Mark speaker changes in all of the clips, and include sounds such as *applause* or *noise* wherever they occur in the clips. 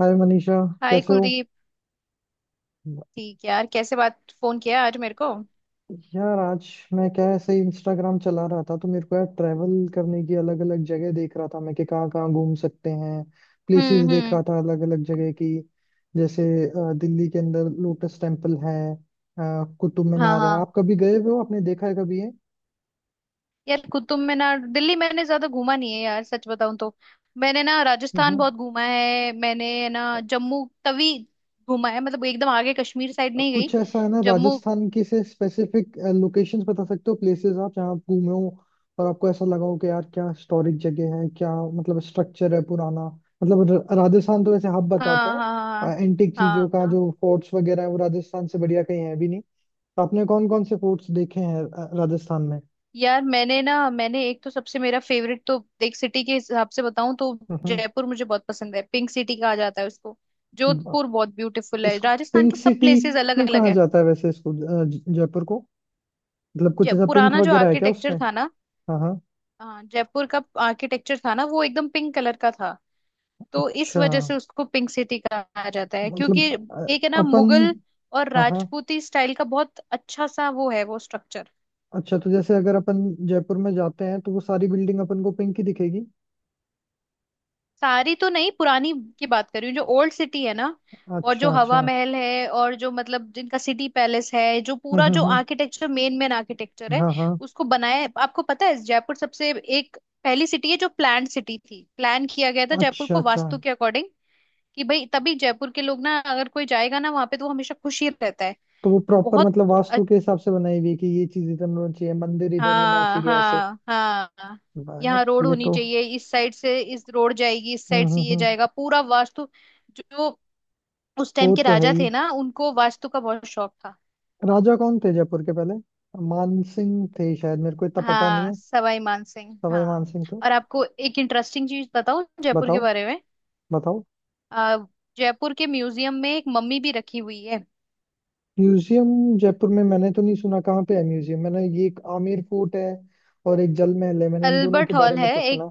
Speaker 1: हाय Manisha.
Speaker 2: Hi
Speaker 1: कैसे हो?
Speaker 2: कुलदीप। ठीक है यार, कैसे बात फोन किया आज मेरे को।
Speaker 1: यार, आज मैं क्या है, ऐसे इंस्टाग्राम चला रहा था तो मेरे को, यार, ट्रैवल करने की अलग अलग जगह देख रहा था, मैं कि कहाँ कहाँ घूम सकते हैं। प्लेसेस
Speaker 2: हम्म।
Speaker 1: देख
Speaker 2: हम्म।
Speaker 1: रहा था अलग अलग जगह की। जैसे दिल्ली के अंदर लोटस टेम्पल है, कुतुब
Speaker 2: हाँ
Speaker 1: मीनार है।
Speaker 2: हाँ।
Speaker 1: आप कभी गए हुए हो? आपने देखा है कभी ये?
Speaker 2: यार कुतुब मीनार दिल्ली मैंने ज्यादा घूमा नहीं है यार, सच बताऊं तो मैंने ना राजस्थान
Speaker 1: हम्म।
Speaker 2: बहुत घूमा है, मैंने ना। जम्मू तवी घूमा है, मतलब एकदम आगे कश्मीर साइड नहीं गई।
Speaker 1: कुछ ऐसा है ना
Speaker 2: जम्मू।
Speaker 1: राजस्थान की से स्पेसिफिक लोकेशंस बता सकते हो, प्लेसेस आप जहाँ आप घूमे हो, और आपको ऐसा लगा हो कि यार क्या हिस्टोरिक जगह है, क्या मतलब स्ट्रक्चर है पुराना। मतलब राजस्थान तो वैसे हब बताते
Speaker 2: हाँ
Speaker 1: हैं
Speaker 2: हाँ।
Speaker 1: एंटिक चीजों
Speaker 2: हाँ
Speaker 1: का,
Speaker 2: हाँ।
Speaker 1: जो फोर्ट्स वगैरह है वो राजस्थान से बढ़िया कहीं है भी नहीं। तो आपने कौन कौन से फोर्ट्स देखे हैं राजस्थान में?
Speaker 2: यार मैंने ना मैंने एक तो सबसे मेरा फेवरेट तो, एक सिटी के हिसाब से बताऊं तो
Speaker 1: हम्म।
Speaker 2: जयपुर मुझे बहुत पसंद है, पिंक सिटी कहा जाता है उसको।
Speaker 1: ब-
Speaker 2: जोधपुर बहुत ब्यूटीफुल है,
Speaker 1: इसको
Speaker 2: राजस्थान
Speaker 1: पिंक
Speaker 2: के सब
Speaker 1: सिटी
Speaker 2: प्लेसेस अलग
Speaker 1: क्यों
Speaker 2: अलग
Speaker 1: कहा
Speaker 2: है।
Speaker 1: जाता है वैसे इसको, जयपुर को? मतलब कुछ
Speaker 2: जय
Speaker 1: ऐसा पिंक
Speaker 2: पुराना जो
Speaker 1: वगैरह है क्या
Speaker 2: आर्किटेक्चर
Speaker 1: उसमें?
Speaker 2: था ना,
Speaker 1: हाँ हाँ।
Speaker 2: हाँ, जयपुर का आर्किटेक्चर था ना, वो एकदम पिंक कलर का था, तो इस
Speaker 1: अच्छा।
Speaker 2: वजह से उसको पिंक सिटी कहा जाता है, क्योंकि
Speaker 1: मतलब
Speaker 2: एक है ना
Speaker 1: अपन,
Speaker 2: मुगल और
Speaker 1: हाँ हाँ।
Speaker 2: राजपूती स्टाइल का, बहुत अच्छा सा वो है वो स्ट्रक्चर।
Speaker 1: अच्छा, तो जैसे अगर अपन जयपुर में जाते हैं तो वो सारी बिल्डिंग अपन को पिंक ही दिखेगी?
Speaker 2: सारी तो नहीं, पुरानी की बात कर रही हूँ, जो ओल्ड सिटी है ना, और जो
Speaker 1: अच्छा
Speaker 2: हवा
Speaker 1: अच्छा।
Speaker 2: महल है, और जो मतलब जिनका सिटी पैलेस है, जो
Speaker 1: हम्म
Speaker 2: पूरा
Speaker 1: हम्म
Speaker 2: जो
Speaker 1: हम्म,
Speaker 2: आर्किटेक्चर, मेन मेन आर्किटेक्चर है।
Speaker 1: हाँ हाँ।
Speaker 2: उसको बनाया, आपको पता है, जयपुर सबसे एक पहली सिटी है जो प्लान सिटी थी, प्लान किया गया था जयपुर
Speaker 1: अच्छा
Speaker 2: को
Speaker 1: अच्छा।
Speaker 2: वास्तु के अकॉर्डिंग, कि भाई, तभी जयपुर के लोग ना, अगर कोई जाएगा ना वहां पे, तो वो हमेशा खुश ही रहता है।
Speaker 1: तो वो प्रॉपर
Speaker 2: बहुत
Speaker 1: मतलब वास्तु
Speaker 2: अच्छ-
Speaker 1: के हिसाब से बनाई हुई है कि ये चीज इधर होना चाहिए, मंदिर इधर होना
Speaker 2: हाँ
Speaker 1: चाहिए, ऐसे?
Speaker 2: हाँ हाँ।
Speaker 1: वाह यार!
Speaker 2: यहाँ रोड
Speaker 1: ये
Speaker 2: होनी
Speaker 1: तो...
Speaker 2: चाहिए, इस साइड से इस रोड जाएगी, इस साइड से ये
Speaker 1: हम्म।
Speaker 2: जाएगा, पूरा वास्तु। जो उस टाइम
Speaker 1: वो
Speaker 2: के
Speaker 1: तो है
Speaker 2: राजा
Speaker 1: ही।
Speaker 2: थे ना, उनको वास्तु का बहुत शौक था।
Speaker 1: राजा कौन थे जयपुर के पहले? मान सिंह थे शायद, मेरे को इतना पता नहीं
Speaker 2: हाँ,
Speaker 1: है।
Speaker 2: सवाई मान सिंह,
Speaker 1: सवाई मान
Speaker 2: हाँ।
Speaker 1: सिंह थे।
Speaker 2: और आपको एक इंटरेस्टिंग चीज बताऊं जयपुर के
Speaker 1: बताओ,
Speaker 2: बारे में।
Speaker 1: बताओ।
Speaker 2: अ, जयपुर के म्यूजियम में एक मम्मी भी रखी हुई है।
Speaker 1: म्यूजियम? जयपुर में? मैंने तो नहीं सुना, कहाँ पे है म्यूजियम? मैंने ये एक आमेर फोर्ट है और एक जल महल है, मैंने इन दोनों
Speaker 2: अल्बर्ट
Speaker 1: के बारे
Speaker 2: हॉल
Speaker 1: में
Speaker 2: है
Speaker 1: तो
Speaker 2: एक,
Speaker 1: सुना।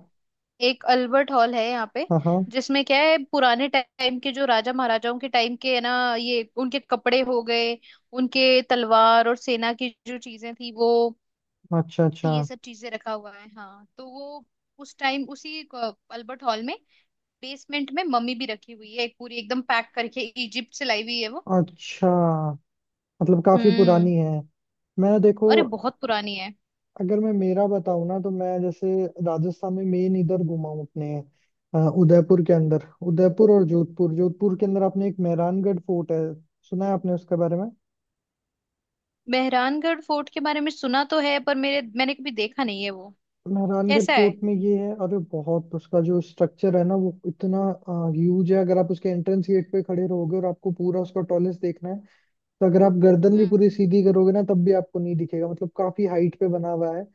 Speaker 2: एक अल्बर्ट हॉल है यहाँ पे,
Speaker 1: हाँ हाँ।
Speaker 2: जिसमें क्या है, पुराने टाइम के जो राजा महाराजाओं के टाइम के है ना, ये उनके कपड़े हो गए, उनके तलवार और सेना की जो चीजें थी वो,
Speaker 1: अच्छा अच्छा।
Speaker 2: ये सब चीजें रखा हुआ है। हाँ, तो वो उस टाइम उसी अल्बर्ट हॉल में, बेसमेंट में मम्मी भी रखी हुई है, एक पूरी, एकदम पैक करके इजिप्ट से लाई हुई है वो।
Speaker 1: अच्छा मतलब काफी
Speaker 2: हम्म।
Speaker 1: पुरानी है। मैं देखो,
Speaker 2: अरे, बहुत पुरानी है।
Speaker 1: अगर मैं मेरा बताऊँ ना तो मैं जैसे राजस्थान में मेन इधर घूमा हूँ अपने, उदयपुर के अंदर, उदयपुर और जोधपुर। जोधपुर के अंदर आपने एक मेहरानगढ़ फोर्ट है, सुना है आपने उसके बारे में?
Speaker 2: मेहरानगढ़ फोर्ट के बारे में सुना तो है, पर मेरे मैंने कभी देखा नहीं है वो।
Speaker 1: मेहरानगढ़
Speaker 2: कैसा है?
Speaker 1: फोर्ट में ये है, अरे बहुत उसका जो स्ट्रक्चर है ना, वो इतना ह्यूज है। अगर आप उसके एंट्रेंस गेट पे खड़े रहोगे और आपको पूरा उसका टॉलेस देखना है, तो अगर आप गर्दन भी
Speaker 2: हम्म।
Speaker 1: पूरी सीधी करोगे ना तब भी आपको नहीं दिखेगा, मतलब काफी हाइट पे बना हुआ है।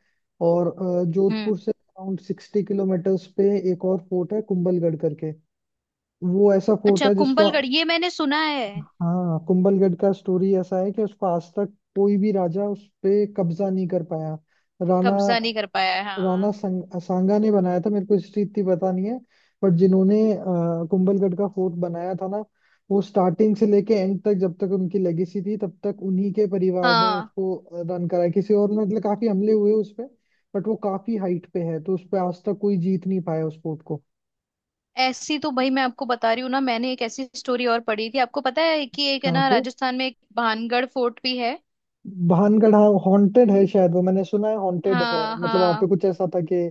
Speaker 1: और
Speaker 2: हम्म।
Speaker 1: जोधपुर से अराउंड 60 किलोमीटर्स पे एक और फोर्ट है कुंभलगढ़ करके। वो ऐसा फोर्ट
Speaker 2: अच्छा,
Speaker 1: है जिसको...
Speaker 2: कुंभलगढ़, ये मैंने सुना है।
Speaker 1: हाँ, कुंभलगढ़ का स्टोरी ऐसा है कि उसको आज तक कोई भी राजा उस पे कब्जा नहीं कर पाया। राणा
Speaker 2: कब्जा नहीं कर पाया है,
Speaker 1: राणा
Speaker 2: हाँ।
Speaker 1: संग, सांगा ने बनाया था, मेरे को हिस्ट्री इतनी पता नहीं है। बट जिन्होंने कुंभलगढ़ का फोर्ट बनाया था ना, वो स्टार्टिंग से लेके एंड तक जब तक उनकी लेगेसी थी तब तक उन्हीं के परिवार ने
Speaker 2: हाँ।
Speaker 1: उसको रन कराया, किसी और ने... मतलब काफी हमले हुए उस पे, बट वो काफी हाइट पे है तो उस पे आज तक कोई जीत नहीं पाया उस फोर्ट को।
Speaker 2: ऐसी तो भाई मैं आपको बता रही हूँ ना, मैंने एक ऐसी स्टोरी और पढ़ी थी। आपको पता है कि एक है
Speaker 1: कहाँ
Speaker 2: ना,
Speaker 1: पे?
Speaker 2: राजस्थान में एक भानगढ़ फोर्ट भी है।
Speaker 1: भानगढ़? हाँ, हॉन्टेड है शायद वो, मैंने सुना है हॉन्टेड है।
Speaker 2: हाँ
Speaker 1: मतलब वहां पे
Speaker 2: हाँ।
Speaker 1: कुछ ऐसा था कि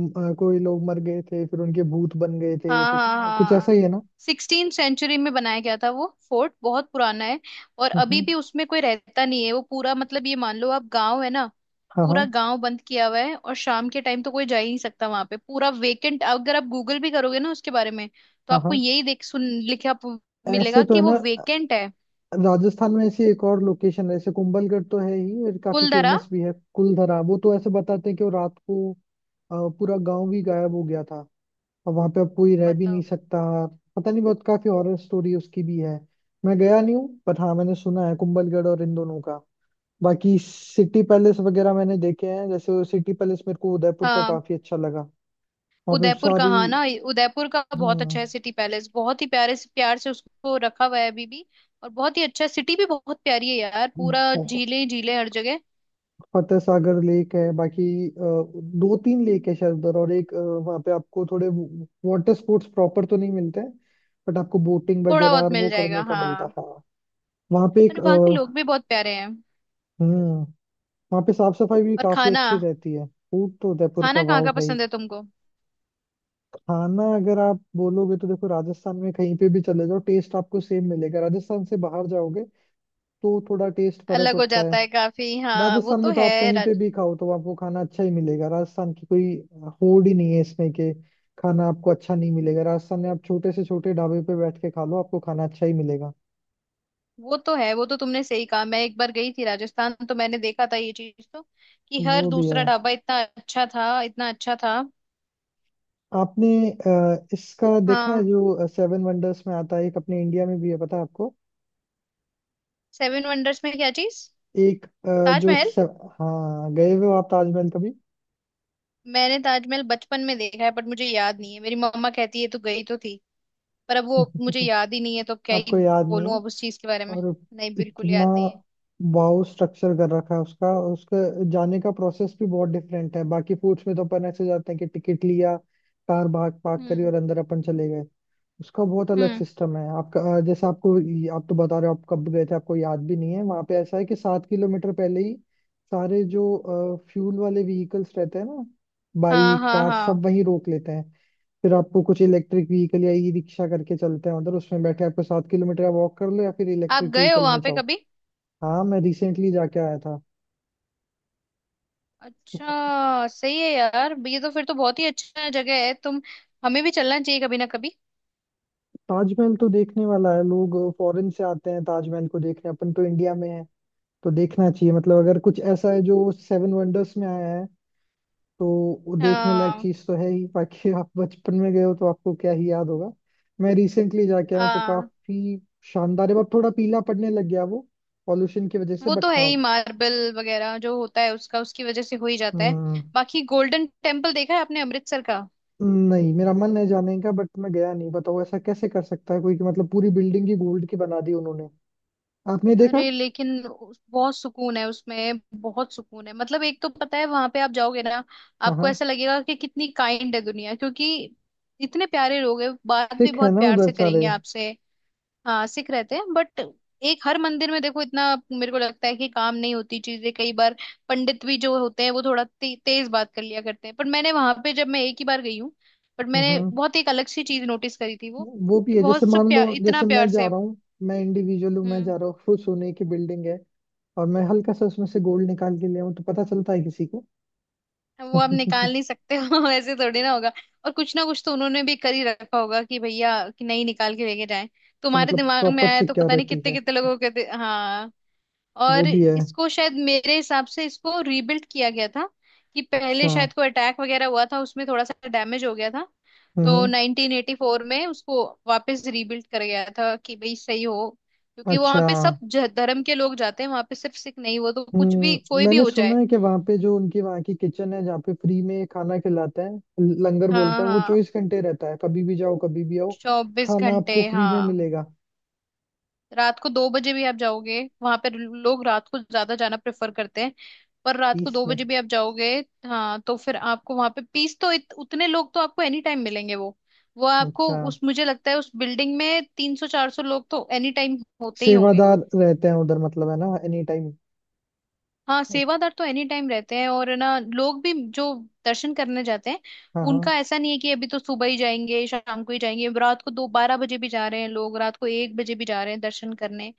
Speaker 1: कोई लोग मर गए थे फिर उनके भूत बन गए थे,
Speaker 2: हाँ
Speaker 1: तो
Speaker 2: हाँ
Speaker 1: कुछ ऐसा ही
Speaker 2: हाँ।
Speaker 1: है ना?
Speaker 2: 16 सेंचुरी में बनाया गया था वो फोर्ट, बहुत पुराना है। और अभी
Speaker 1: हम्म,
Speaker 2: भी उसमें कोई रहता नहीं है, वो पूरा, मतलब ये मान लो आप गांव है ना,
Speaker 1: हाँ
Speaker 2: पूरा
Speaker 1: हाँ
Speaker 2: गांव बंद किया हुआ है। और शाम के टाइम तो कोई जा ही नहीं सकता वहां पे, पूरा वेकेंट। अगर आप गूगल भी करोगे ना उसके बारे में, तो
Speaker 1: हाँ।
Speaker 2: आपको
Speaker 1: हाँ
Speaker 2: यही देख सुन लिखा प-
Speaker 1: ऐसे
Speaker 2: मिलेगा
Speaker 1: तो
Speaker 2: कि
Speaker 1: है
Speaker 2: वो
Speaker 1: ना।
Speaker 2: वेकेंट है।
Speaker 1: राजस्थान में ऐसी एक और लोकेशन है, ऐसे कुंभलगढ़ तो है ही और काफी
Speaker 2: कुलधरा।
Speaker 1: फेमस भी है, कुलधरा। वो तो ऐसे बताते हैं कि वो रात को पूरा गांव भी गायब हो गया था, और वहां पे अब कोई रह भी नहीं
Speaker 2: बताओ।
Speaker 1: सकता। पता नहीं, बहुत काफी हॉरर स्टोरी उसकी भी है, मैं गया नहीं हूँ, बट हाँ मैंने सुना है कुंभलगढ़ और इन दोनों का। बाकी सिटी पैलेस वगैरह मैंने देखे हैं, जैसे सिटी पैलेस मेरे को उदयपुर का
Speaker 2: हाँ,
Speaker 1: काफी अच्छा लगा। वहाँ पे
Speaker 2: उदयपुर का,
Speaker 1: सारी...
Speaker 2: हाँ ना, उदयपुर का बहुत अच्छा है सिटी पैलेस, बहुत ही प्यारे से, प्यार से उसको रखा हुआ है अभी भी। और बहुत ही अच्छा है। सिटी भी बहुत प्यारी है यार,
Speaker 1: हम्म।
Speaker 2: पूरा झीलें ही झीलें हर जगह।
Speaker 1: फतेह सागर लेक है, बाकी 2 3 लेक है शायद उधर, और एक वहां पे आपको थोड़े वाटर स्पोर्ट्स प्रॉपर तो नहीं मिलते हैं, बट आपको बोटिंग
Speaker 2: थोड़ा
Speaker 1: वगैरह
Speaker 2: बहुत
Speaker 1: और
Speaker 2: मिल
Speaker 1: वो करने
Speaker 2: जाएगा,
Speaker 1: का मिलता
Speaker 2: हाँ।
Speaker 1: है, हाँ। वहाँ पे
Speaker 2: और
Speaker 1: एक
Speaker 2: वहाँ के लोग भी बहुत प्यारे हैं।
Speaker 1: हम्म। वहाँ पे साफ सफाई भी
Speaker 2: और
Speaker 1: काफी
Speaker 2: खाना,
Speaker 1: अच्छी रहती है, फूड तो उदयपुर का
Speaker 2: खाना कहाँ
Speaker 1: वाव
Speaker 2: का
Speaker 1: है ही।
Speaker 2: पसंद है तुमको?
Speaker 1: खाना? अगर आप बोलोगे तो देखो, राजस्थान में कहीं पे भी चले जाओ टेस्ट आपको सेम मिलेगा, राजस्थान से बाहर जाओगे तो थोड़ा टेस्ट फर्क
Speaker 2: अलग हो
Speaker 1: होता है।
Speaker 2: जाता है काफी, हाँ, वो
Speaker 1: राजस्थान
Speaker 2: तो
Speaker 1: में तो आप
Speaker 2: है
Speaker 1: कहीं पे
Speaker 2: राज।
Speaker 1: भी खाओ तो आपको खाना अच्छा ही मिलेगा, राजस्थान की कोई होड़ ही नहीं है इसमें कि खाना आपको अच्छा नहीं मिलेगा। राजस्थान में आप छोटे से छोटे ढाबे पे बैठ के खा लो, आपको खाना अच्छा ही मिलेगा।
Speaker 2: वो तो है, वो तो तुमने सही कहा, मैं एक बार गई थी राजस्थान, तो मैंने देखा था ये चीज तो, कि हर
Speaker 1: वो भी है।
Speaker 2: दूसरा ढाबा इतना अच्छा था, इतना अच्छा था।
Speaker 1: आपने इसका देखा है
Speaker 2: हाँ।
Speaker 1: जो सेवन वंडर्स में आता है, एक अपने इंडिया में भी है, पता है आपको?
Speaker 2: सेवन वंडर्स में क्या चीज?
Speaker 1: एक
Speaker 2: ताजमहल।
Speaker 1: हाँ, गए हुए हो आप ताजमहल कभी?
Speaker 2: मैंने ताजमहल बचपन में देखा है, बट मुझे याद नहीं है, मेरी मम्मा कहती है तू गई तो थी, पर अब वो मुझे
Speaker 1: *laughs*
Speaker 2: याद ही नहीं है, तो क्या ही
Speaker 1: आपको याद नहीं
Speaker 2: बोलूं
Speaker 1: है?
Speaker 2: अब उस चीज के बारे में।
Speaker 1: और
Speaker 2: नहीं, बिल्कुल
Speaker 1: इतना
Speaker 2: याद नहीं है।
Speaker 1: वाओ स्ट्रक्चर कर रखा है उसका, और उसके जाने का प्रोसेस भी बहुत डिफरेंट है। बाकी फूड्स में तो अपन ऐसे जाते हैं कि टिकट लिया, कार भाग पार्क करी
Speaker 2: हम्म।
Speaker 1: और अंदर अपन चले गए। उसका बहुत अलग
Speaker 2: हम्म।
Speaker 1: सिस्टम है आपका, जैसे आपको... आप तो बता रहे हो आप कब गए थे, आपको याद भी नहीं है। वहां पे ऐसा है कि 7 किलोमीटर पहले ही सारे जो फ्यूल वाले व्हीकल्स रहते हैं ना,
Speaker 2: हाँ
Speaker 1: बाइक
Speaker 2: हाँ
Speaker 1: कार सब
Speaker 2: हाँ।
Speaker 1: वहीं रोक लेते हैं। फिर आपको कुछ इलेक्ट्रिक व्हीकल या ई रिक्शा करके चलते हैं उधर, उसमें बैठे आपको 7 किलोमीटर वॉक कर लो या फिर
Speaker 2: आप
Speaker 1: इलेक्ट्रिक
Speaker 2: गए हो
Speaker 1: व्हीकल
Speaker 2: वहां
Speaker 1: में
Speaker 2: पे
Speaker 1: जाओ।
Speaker 2: कभी?
Speaker 1: हाँ, मैं रिसेंटली जाके आया था।
Speaker 2: अच्छा, सही है यार, ये तो फिर तो बहुत ही अच्छा जगह है, तुम, हमें भी चलना चाहिए कभी ना कभी।
Speaker 1: ताजमहल तो देखने वाला है, लोग फॉरेन से आते हैं ताजमहल को देखने, अपन तो इंडिया में है तो देखना चाहिए। मतलब अगर कुछ ऐसा है जो सेवन वंडर्स में आया है, तो वो देखने लायक
Speaker 2: हाँ।
Speaker 1: चीज तो है ही। बाकी आप बचपन में गए हो तो आपको क्या ही याद होगा। मैं रिसेंटली जाके आया हूँ तो
Speaker 2: हाँ,
Speaker 1: काफी शानदार है, बट थोड़ा पीला पड़ने लग गया वो पॉल्यूशन की वजह से,
Speaker 2: वो तो
Speaker 1: बट
Speaker 2: है
Speaker 1: हाँ।
Speaker 2: ही, मार्बल वगैरह जो होता है उसका, उसकी वजह से हो ही जाता है।
Speaker 1: हम्म,
Speaker 2: बाकी गोल्डन टेम्पल देखा है आपने अमृतसर का?
Speaker 1: नहीं, मेरा मन है जाने का बट मैं गया नहीं। बताओ, ऐसा कैसे कर सकता है कोई कि मतलब पूरी बिल्डिंग ही गोल्ड की बना दी उन्होंने? आपने देखा?
Speaker 2: अरे, लेकिन बहुत सुकून है उसमें, बहुत सुकून है। मतलब एक तो पता है, वहां पे आप जाओगे ना,
Speaker 1: हाँ
Speaker 2: आपको
Speaker 1: हाँ।
Speaker 2: ऐसा लगेगा कि कितनी काइंड है दुनिया, क्योंकि इतने प्यारे लोग हैं, बात भी
Speaker 1: सिख है
Speaker 2: बहुत
Speaker 1: ना
Speaker 2: प्यार
Speaker 1: उधर
Speaker 2: से
Speaker 1: सारे?
Speaker 2: करेंगे आपसे। हाँ, सिख रहते हैं, बट एक हर मंदिर में देखो, इतना, मेरे को लगता है कि काम नहीं होती चीजें कई बार, पंडित भी जो होते हैं वो थोड़ा तेज बात कर लिया करते हैं। पर मैंने वहां पे, जब मैं एक ही बार गई हूँ, बट मैंने
Speaker 1: हम्म।
Speaker 2: बहुत एक अलग सी चीज नोटिस करी थी वो,
Speaker 1: वो
Speaker 2: कि
Speaker 1: भी है, जैसे
Speaker 2: बहुत सब
Speaker 1: मान लो,
Speaker 2: प्यार, इतना
Speaker 1: जैसे मैं
Speaker 2: प्यार
Speaker 1: जा
Speaker 2: से।
Speaker 1: रहा हूँ, मैं इंडिविजुअल हूँ, मैं
Speaker 2: हम्म।
Speaker 1: जा रहा हूँ, फुल सोने की बिल्डिंग है और मैं हल्का सा उसमें से गोल्ड निकाल के ले आऊँ तो पता चलता है किसी को? *laughs*
Speaker 2: वो आप
Speaker 1: अच्छा।
Speaker 2: निकाल नहीं सकते हो, *laughs* ऐसे थोड़ी ना होगा। और कुछ ना कुछ तो उन्होंने भी कर ही रखा होगा, कि भैया कि नहीं निकाल के लेके जाए, तुम्हारे
Speaker 1: मतलब
Speaker 2: दिमाग में
Speaker 1: प्रॉपर
Speaker 2: आया तो पता नहीं
Speaker 1: सिक्योरिटी
Speaker 2: कितने
Speaker 1: है।
Speaker 2: कितने लोगों के हाँ।
Speaker 1: वो
Speaker 2: और
Speaker 1: भी है।
Speaker 2: इसको शायद मेरे हिसाब से इसको रीबिल्ड किया गया था, कि पहले
Speaker 1: अच्छा।
Speaker 2: शायद कोई अटैक वगैरह हुआ था, उसमें थोड़ा सा डैमेज हो गया था, तो
Speaker 1: हम्म।
Speaker 2: 1984 में उसको वापस रीबिल्ड कर गया था, कि भाई सही हो, क्योंकि वहां
Speaker 1: अच्छा।
Speaker 2: पे सब धर्म के लोग जाते हैं वहां पे, सिर्फ सिख नहीं, वो तो कुछ भी
Speaker 1: हम्म,
Speaker 2: कोई भी
Speaker 1: मैंने
Speaker 2: हो
Speaker 1: सुना
Speaker 2: जाए।
Speaker 1: है कि वहाँ पे जो उनकी वहाँ की किचन है जहाँ पे फ्री में खाना खिलाते हैं, लंगर
Speaker 2: हाँ
Speaker 1: बोलते हैं, वो
Speaker 2: हाँ।
Speaker 1: 24 घंटे रहता है, कभी भी जाओ कभी भी आओ
Speaker 2: चौबीस
Speaker 1: खाना
Speaker 2: घंटे
Speaker 1: आपको फ्री में
Speaker 2: हाँ।
Speaker 1: मिलेगा।
Speaker 2: रात को 2 बजे भी आप जाओगे, वहां पर लोग रात को ज्यादा जाना प्रेफर करते हैं, पर रात को
Speaker 1: पीस
Speaker 2: दो
Speaker 1: में।
Speaker 2: बजे भी आप जाओगे। हाँ, तो फिर आपको वहां पे पीस तो, उतने लोग तो आपको एनी टाइम मिलेंगे वो आपको,
Speaker 1: अच्छा।
Speaker 2: उस, मुझे लगता है उस बिल्डिंग में 300, 400 लोग तो एनी टाइम होते ही होंगे।
Speaker 1: सेवादार रहते हैं उधर मतलब, है ना, एनी टाइम?
Speaker 2: हाँ, सेवादार तो एनी टाइम रहते हैं, और ना लोग भी जो दर्शन करने जाते हैं,
Speaker 1: हाँ हाँ।
Speaker 2: उनका ऐसा नहीं है कि अभी तो सुबह ही जाएंगे, शाम को ही जाएंगे, रात को दो बारह बजे भी जा रहे हैं लोग, रात को 1 बजे भी जा रहे हैं दर्शन करने।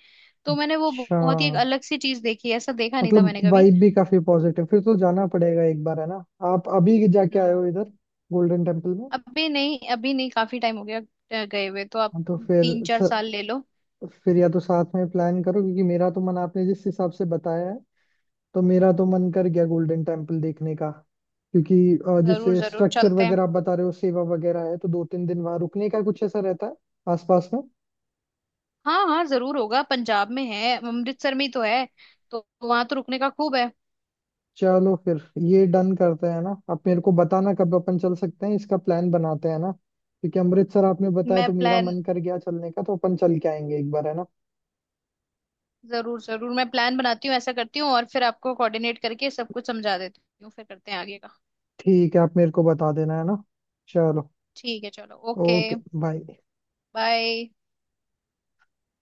Speaker 2: तो मैंने वो
Speaker 1: अच्छा
Speaker 2: बहुत ही एक अलग सी चीज देखी है, ऐसा देखा नहीं था
Speaker 1: मतलब
Speaker 2: मैंने कभी।
Speaker 1: वाइब भी काफी पॉजिटिव, फिर तो जाना पड़ेगा एक बार, है ना। आप अभी जाके आए हो
Speaker 2: हाँ।
Speaker 1: इधर? गोल्डन टेम्पल में?
Speaker 2: अभी नहीं, अभी नहीं, काफी टाइम हो गया। गए हुए तो आप,
Speaker 1: हाँ, तो फिर
Speaker 2: तीन चार साल ले लो।
Speaker 1: फिर या तो साथ में प्लान करो, क्योंकि मेरा तो मन... आपने जिस हिसाब से बताया है, तो मेरा तो मन कर गया गोल्डन टेम्पल देखने का। क्योंकि
Speaker 2: जरूर
Speaker 1: जैसे
Speaker 2: जरूर
Speaker 1: स्ट्रक्चर
Speaker 2: चलते हैं।
Speaker 1: वगैरह आप बता रहे हो, सेवा वगैरह है, तो 2 3 दिन वहां रुकने का कुछ ऐसा रहता है आसपास में?
Speaker 2: हाँ हाँ, जरूर होगा, पंजाब में है, अमृतसर में ही तो है, तो वहां तो रुकने का खूब है।
Speaker 1: चलो फिर। ये डन करते हैं ना, आप मेरे को बताना कब अपन चल सकते हैं, इसका प्लान बनाते हैं ना, क्योंकि अमृतसर आपने बताया
Speaker 2: मैं
Speaker 1: तो मेरा
Speaker 2: प्लान,
Speaker 1: मन कर गया चलने का, तो अपन चल के आएंगे एक बार, है ना।
Speaker 2: जरूर जरूर, मैं प्लान बनाती हूँ, ऐसा करती हूँ, और फिर आपको कोऑर्डिनेट करके सब कुछ समझा देती हूँ, फिर करते हैं आगे का।
Speaker 1: ठीक है, आप मेरे को बता देना, है ना। चलो।
Speaker 2: ठीक है, चलो, ओके,
Speaker 1: ओके, बाय।
Speaker 2: बाय।